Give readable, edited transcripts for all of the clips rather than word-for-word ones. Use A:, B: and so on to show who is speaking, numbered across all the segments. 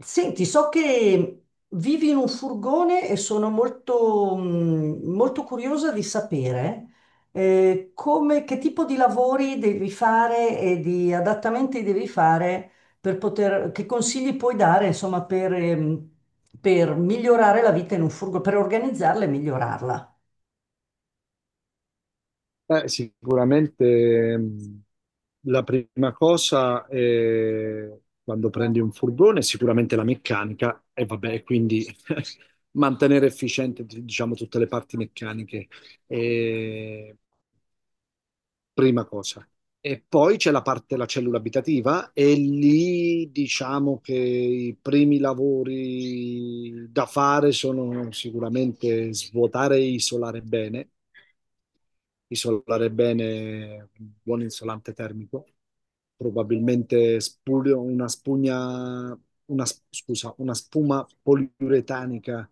A: Senti, so che vivi in un furgone e sono molto, molto curiosa di sapere come, che tipo di lavori devi fare e di adattamenti devi fare per poter, che consigli puoi dare, insomma, per migliorare la vita in un furgone, per organizzarla e migliorarla.
B: Sicuramente la prima cosa è quando prendi un furgone, sicuramente la meccanica e vabbè, quindi mantenere efficiente, diciamo, tutte le parti meccaniche prima cosa. E poi c'è la parte della cellula abitativa e lì diciamo che i primi lavori da fare sono sicuramente svuotare e isolare bene con un buon isolante termico probabilmente una spugna, una, scusa, una spuma poliuretanica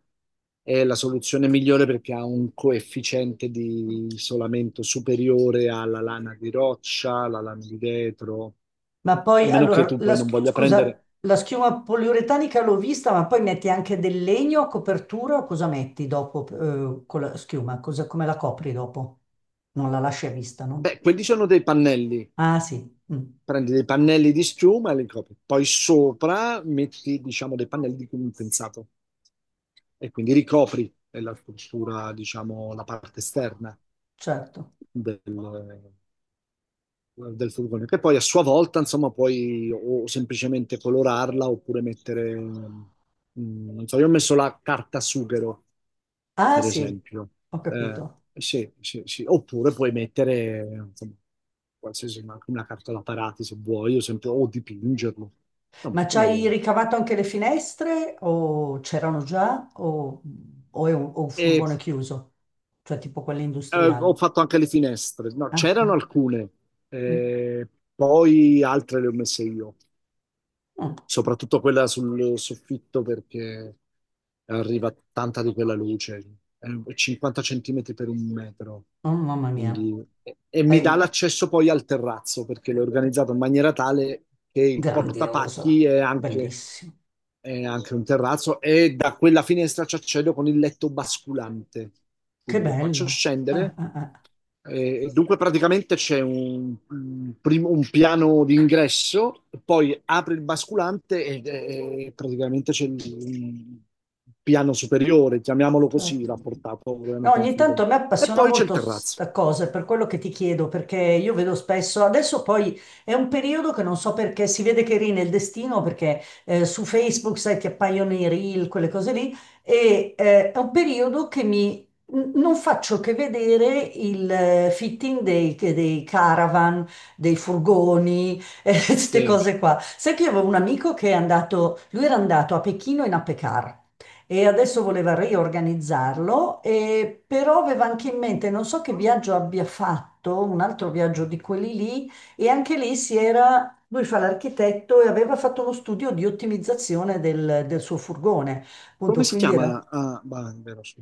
B: è la soluzione migliore perché ha un coefficiente di isolamento superiore alla lana di roccia, alla lana di vetro,
A: Ma
B: a
A: poi,
B: meno che
A: allora,
B: tu
A: la,
B: poi non voglia
A: scusa,
B: prendere...
A: la schiuma poliuretanica l'ho vista, ma poi metti anche del legno a copertura o cosa metti dopo con la schiuma? Come la copri dopo? Non la lasci a vista, no?
B: Beh, quelli sono dei pannelli.
A: Ah sì, mm,
B: Prendi dei pannelli di schiuma e li copri. Poi sopra metti, diciamo, dei pannelli di condensato e quindi ricopri la struttura, diciamo, la parte esterna
A: certo.
B: del, del furgone, che poi a sua volta, insomma, puoi o semplicemente colorarla oppure mettere, non so, io ho messo la carta sughero,
A: Ah
B: per
A: sì,
B: esempio.
A: ho
B: Eh,
A: capito.
B: sì, sì, sì. Oppure puoi mettere, insomma, qualsiasi, ma anche una carta da parati se vuoi, o, sempre, o dipingerlo, insomma,
A: Ma ci
B: come
A: hai
B: vuoi.
A: ricavato anche le finestre o c'erano già o è un, o un
B: E
A: furgone chiuso? Cioè tipo quelli
B: ho
A: industriali?
B: fatto anche le finestre, no,
A: Ah,
B: c'erano
A: ah,
B: alcune,
A: mm,
B: eh, poi altre le ho messe io.
A: mm,
B: Soprattutto quella sul soffitto perché arriva tanta di quella luce, è 50 centimetri per un metro,
A: oh, mamma mia.
B: quindi, e mi dà
A: Hai-
B: l'accesso poi al terrazzo perché l'ho organizzato in maniera tale che il portapacchi
A: Grandioso, bellissimo,
B: è anche un terrazzo e da quella finestra ci accedo con il letto basculante,
A: che
B: quindi lo faccio
A: bello.
B: scendere. Dunque praticamente c'è un piano d'ingresso, poi apre il basculante e praticamente c'è il, un piano superiore, chiamiamolo così,
A: Certo.
B: rapportato
A: No,
B: ovviamente a un
A: ogni tanto
B: furgone.
A: a me
B: E
A: appassiona
B: poi c'è il
A: molto
B: terrazzo.
A: sta cosa, per quello che ti chiedo, perché io vedo spesso, adesso poi è un periodo che non so perché si vede che rina il destino, perché su Facebook, sai, ti appaiono i reel, quelle cose lì, e è un periodo che mi... Non faccio che vedere il fitting dei, dei caravan, dei furgoni, queste
B: Sì.
A: cose qua. Sai che io avevo un amico che è andato, lui era andato a Pechino in Apecar e adesso voleva riorganizzarlo, e però aveva anche in mente, non so che viaggio abbia fatto, un altro viaggio di quelli lì, e anche lì si era, lui fa l'architetto e aveva fatto uno studio di ottimizzazione del, del suo furgone, appunto,
B: Come si
A: quindi era
B: chiama? Ah, bah, è vero, sì.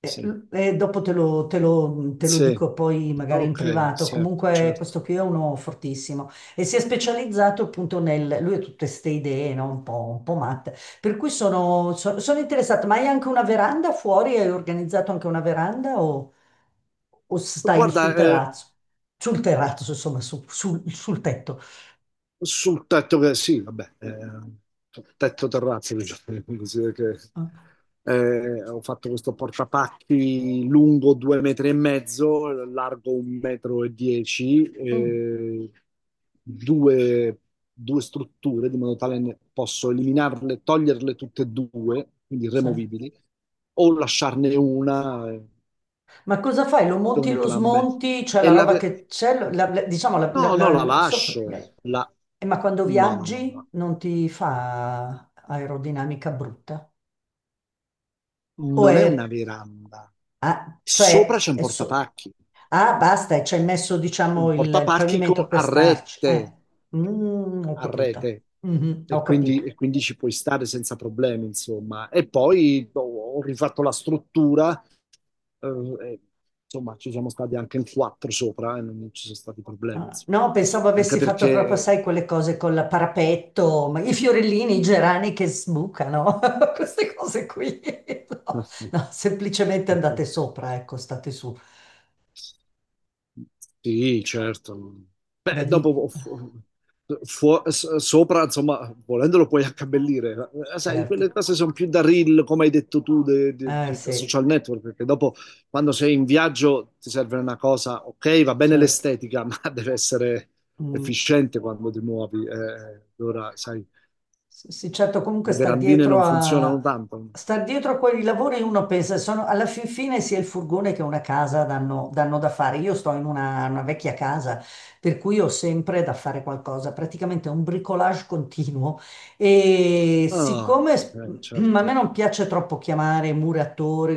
A: eh,
B: Sì.
A: dopo te lo, te lo
B: Sì.
A: dico poi magari in
B: Ok,
A: privato,
B: certo,
A: comunque
B: certo.
A: questo qui è uno fortissimo e si è specializzato appunto nel, lui ha tutte queste idee, no? Un po' matte, per cui sono, sono interessata, ma hai anche una veranda fuori? Hai organizzato anche una veranda o stai
B: Guarda,
A: sul terrazzo? Sul terrazzo, insomma, sul, sul tetto.
B: sul tetto che sì, vabbè, tetto terrazzo, diciamo così, perché
A: Ah,
B: ho fatto questo portapacchi lungo due metri e mezzo, largo un metro e dieci,
A: mm,
B: due, due strutture di modo tale ne posso eliminarle, toglierle tutte e due, quindi
A: sì.
B: removibili, o lasciarne una
A: Ma cosa fai? Lo
B: o
A: monti e lo
B: entrambe.
A: smonti? Cioè
B: E
A: la
B: la,
A: roba
B: ve-
A: che c'è, diciamo,
B: No, no, la lascio. La...
A: Ma quando
B: No, no, no,
A: viaggi
B: no.
A: non ti fa aerodinamica brutta? O
B: Non è una
A: è...
B: veranda.
A: ah,
B: Sopra
A: cioè,
B: c'è un portapacchi.
A: ah, basta, e ci hai messo,
B: Un
A: diciamo, il pavimento per
B: a
A: starci.
B: rete.
A: Mm, ho
B: A
A: capito.
B: rete.
A: Mhm, ho capito.
B: E quindi ci puoi stare senza problemi, insomma. E poi ho, ho rifatto la struttura. eh, e, insomma, ci siamo stati anche in quattro sopra e non ci sono stati problemi,
A: Ah,
B: insomma.
A: no, pensavo
B: Anche
A: avessi fatto proprio,
B: perché...
A: sai, quelle cose con il parapetto, ma i fiorellini, i gerani che sbucano, queste cose qui. No, no, semplicemente andate sopra, ecco, state su.
B: Sì, certo.
A: Beh,
B: Beh,
A: vi-
B: dopo fu- fu- s- sopra, insomma, volendolo puoi accabellire. Sai, quelle
A: certo.
B: cose sono più da reel, come hai detto tu,
A: Eh
B: da
A: sì,
B: social network, perché dopo, quando sei in viaggio, ti serve una cosa, ok, va bene
A: certo.
B: l'estetica, ma deve essere
A: Mm.
B: efficiente quando ti muovi. Allora, sai,
A: Sì, sì, certo, comunque
B: le verandine non funzionano tanto.
A: sta dietro a quei lavori uno pensa, sono, alla fin fine sia il furgone che una casa danno, danno da fare. Io sto in una vecchia casa, per cui ho sempre da fare qualcosa, praticamente un bricolage continuo. E
B: Ah,
A: siccome a me
B: certo.
A: non piace troppo chiamare muratori,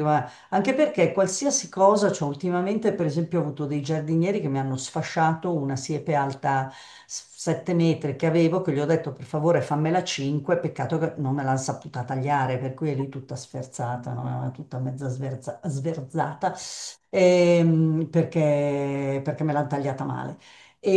A: anche perché qualsiasi cosa, cioè ultimamente per esempio ho avuto dei giardinieri che mi hanno sfasciato una siepe alta 7 metri che avevo, che gli ho detto per favore fammela 5, peccato che non me l'hanno saputa tagliare, per cui è lì tutta sferzata, no? È tutta mezza sverzata, perché, perché me l'hanno tagliata male.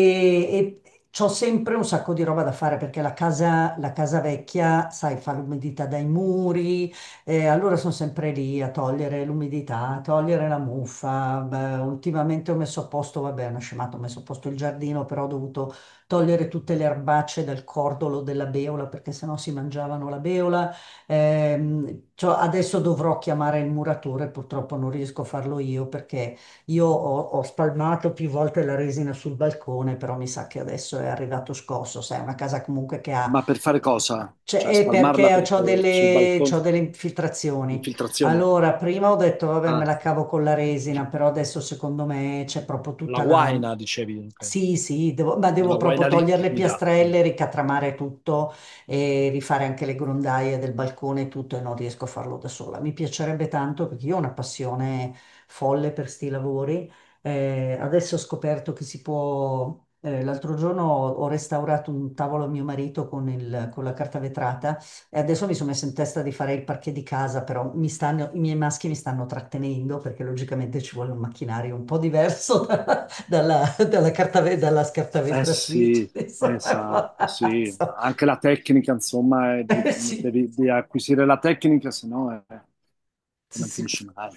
A: E c'ho sempre un sacco di roba da fare perché la casa vecchia, sai, fa l'umidità dai muri e allora sono sempre lì a togliere l'umidità, a togliere la muffa. Beh, ultimamente ho messo a posto, vabbè, è una scemata, ho messo a posto il giardino, però ho dovuto togliere tutte le erbacce dal cordolo della beola perché sennò si mangiavano la beola. Cioè, adesso dovrò chiamare il muratore, purtroppo non riesco a farlo io perché io ho, ho spalmato più volte la resina sul balcone, però mi sa che adesso è arrivato scosso, sai, è una casa comunque che ha
B: Ma per fare cosa?
A: cioè,
B: Cioè,
A: è
B: spalmarla
A: perché ho
B: sui
A: delle, c'ho
B: balconi,
A: delle infiltrazioni.
B: infiltrazioni?
A: Allora, prima ho detto, vabbè, me
B: Ah,
A: la cavo con la resina, però adesso secondo me c'è proprio
B: la
A: tutta la...
B: guaina, dicevi, ok.
A: Sì, sì, ma devo
B: Una
A: proprio
B: guaina
A: togliere le
B: liquida. Mm.
A: piastrelle, ricatramare tutto e rifare anche le grondaie del balcone e tutto e non riesco a farlo da sola. Mi piacerebbe tanto perché io ho una passione folle per sti lavori adesso ho scoperto che si può, l'altro giorno ho, ho restaurato un tavolo a mio marito con, con la carta vetrata e adesso mi sono messa in testa di fare il parquet di casa, però i miei maschi mi stanno trattenendo perché logicamente ci vuole un macchinario un po' diverso dalla, dalla carta, dalla scarta
B: Eh
A: vetratrice.
B: sì,
A: Insomma,
B: esatto, sì.
A: so-
B: Anche la tecnica, insomma,
A: sì,
B: devi di acquisire la tecnica, se no è,
A: sì,
B: non
A: sì.
B: finisci mai.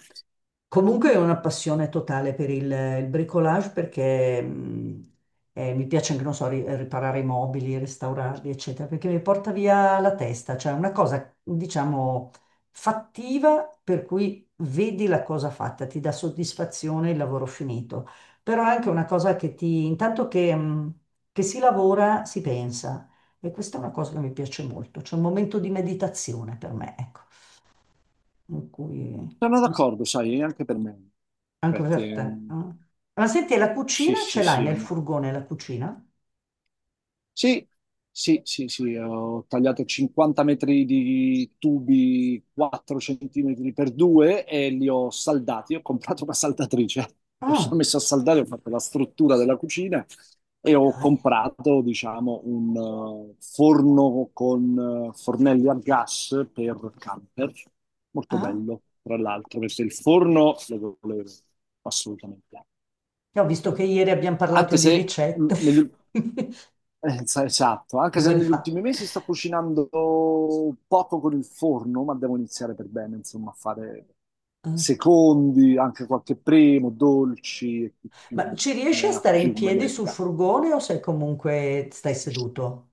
A: Comunque è una passione totale per il bricolage perché mi piace anche, non so, riparare i mobili, restaurarli, eccetera, perché mi porta via la testa, cioè una cosa, diciamo, fattiva per cui vedi la cosa fatta, ti dà soddisfazione il lavoro finito, però è anche una cosa che ti, intanto che si lavora, si pensa e questa è una cosa che mi piace molto, c'è un momento di meditazione per me, ecco, in cui...
B: Sono
A: no.
B: d'accordo, sai, anche per me.
A: Anche
B: Infatti,
A: per te. Ah. Ma senti, la
B: sì,
A: cucina
B: sì,
A: ce l'hai
B: sì,
A: nel furgone, la cucina?
B: sì, sì, sì, sì, ho tagliato 50 metri di tubi 4 centimetri per 2 e li ho saldati. Ho comprato una saldatrice, mi sono
A: Ah,
B: messo a saldare, ho fatto la struttura della cucina e ho
A: dai.
B: comprato, diciamo, un forno con fornelli a gas per camper. Molto
A: Ah,
B: bello, tra l'altro, perché il forno lo volevo assolutamente.
A: ho visto che ieri abbiamo parlato
B: Anche
A: di
B: se
A: ricette.
B: negli- Esatto, anche se
A: Dove le
B: negli
A: fa?
B: ultimi mesi sto cucinando poco con il forno, ma devo iniziare per bene, insomma, a fare
A: Ah.
B: secondi, anche qualche primo, dolci e chi più,
A: Ma ci
B: ne
A: riesci a
B: ha
A: stare in
B: più me
A: piedi sul
B: metta.
A: furgone o sei comunque stai seduto?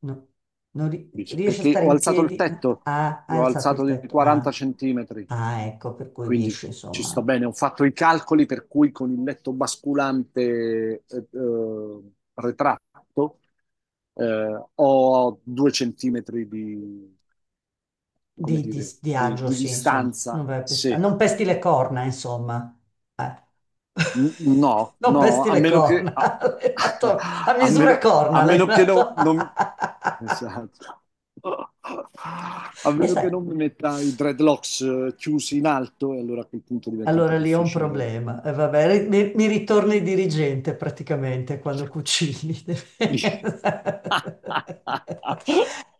A: No. Non ri-
B: Dici,
A: riesci a
B: perché
A: stare
B: ho
A: in
B: alzato il
A: piedi?
B: tetto,
A: Ah, hai
B: l'ho
A: alzato
B: alzato
A: il
B: di
A: tetto.
B: 40
A: Ah,
B: centimetri,
A: ah, ecco, per cui
B: quindi
A: riesci,
B: ci sto
A: insomma.
B: bene. Ho fatto i calcoli per cui con il letto basculante retratto ho due centimetri di, come dire,
A: Di agio,
B: di
A: sì, insomma, non
B: distanza,
A: vai a pesta-
B: sì.
A: non pesti le corna, insomma. Eh.
B: No,
A: Non
B: no,
A: pesti
B: a
A: le
B: meno che,
A: corna, l'hai fatto a
B: a
A: misura
B: meno, a
A: corna, l'hai
B: meno che no-
A: fatto.
B: non, esatto. A
A: E
B: meno
A: sai.
B: che non mi metta i dreadlocks chiusi in alto, e allora a quel punto diventa un po'
A: Allora lì è un
B: difficile.
A: problema. E vabbè, mi, mi ritorna il dirigente praticamente quando cucini.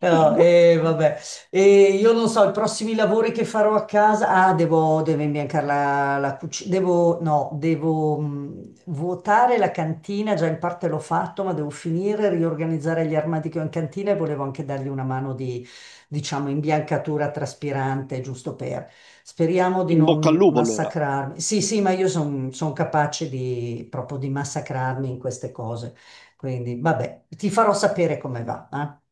A: No, e vabbè. E io non so, i prossimi lavori che farò a casa. Ah, devo, devo imbiancare la, la cucina. Devo, no, devo vuotare la cantina. Già in parte l'ho fatto, ma devo finire, riorganizzare gli armadi che ho in cantina e volevo anche dargli una mano di, diciamo, imbiancatura traspirante, giusto per. Speriamo di
B: In bocca al
A: non
B: lupo, allora.
A: massacrarmi. Sì, sì, ma io sono capace di, proprio di massacrarmi in queste cose. Quindi, vabbè, ti farò sapere come va. Eh.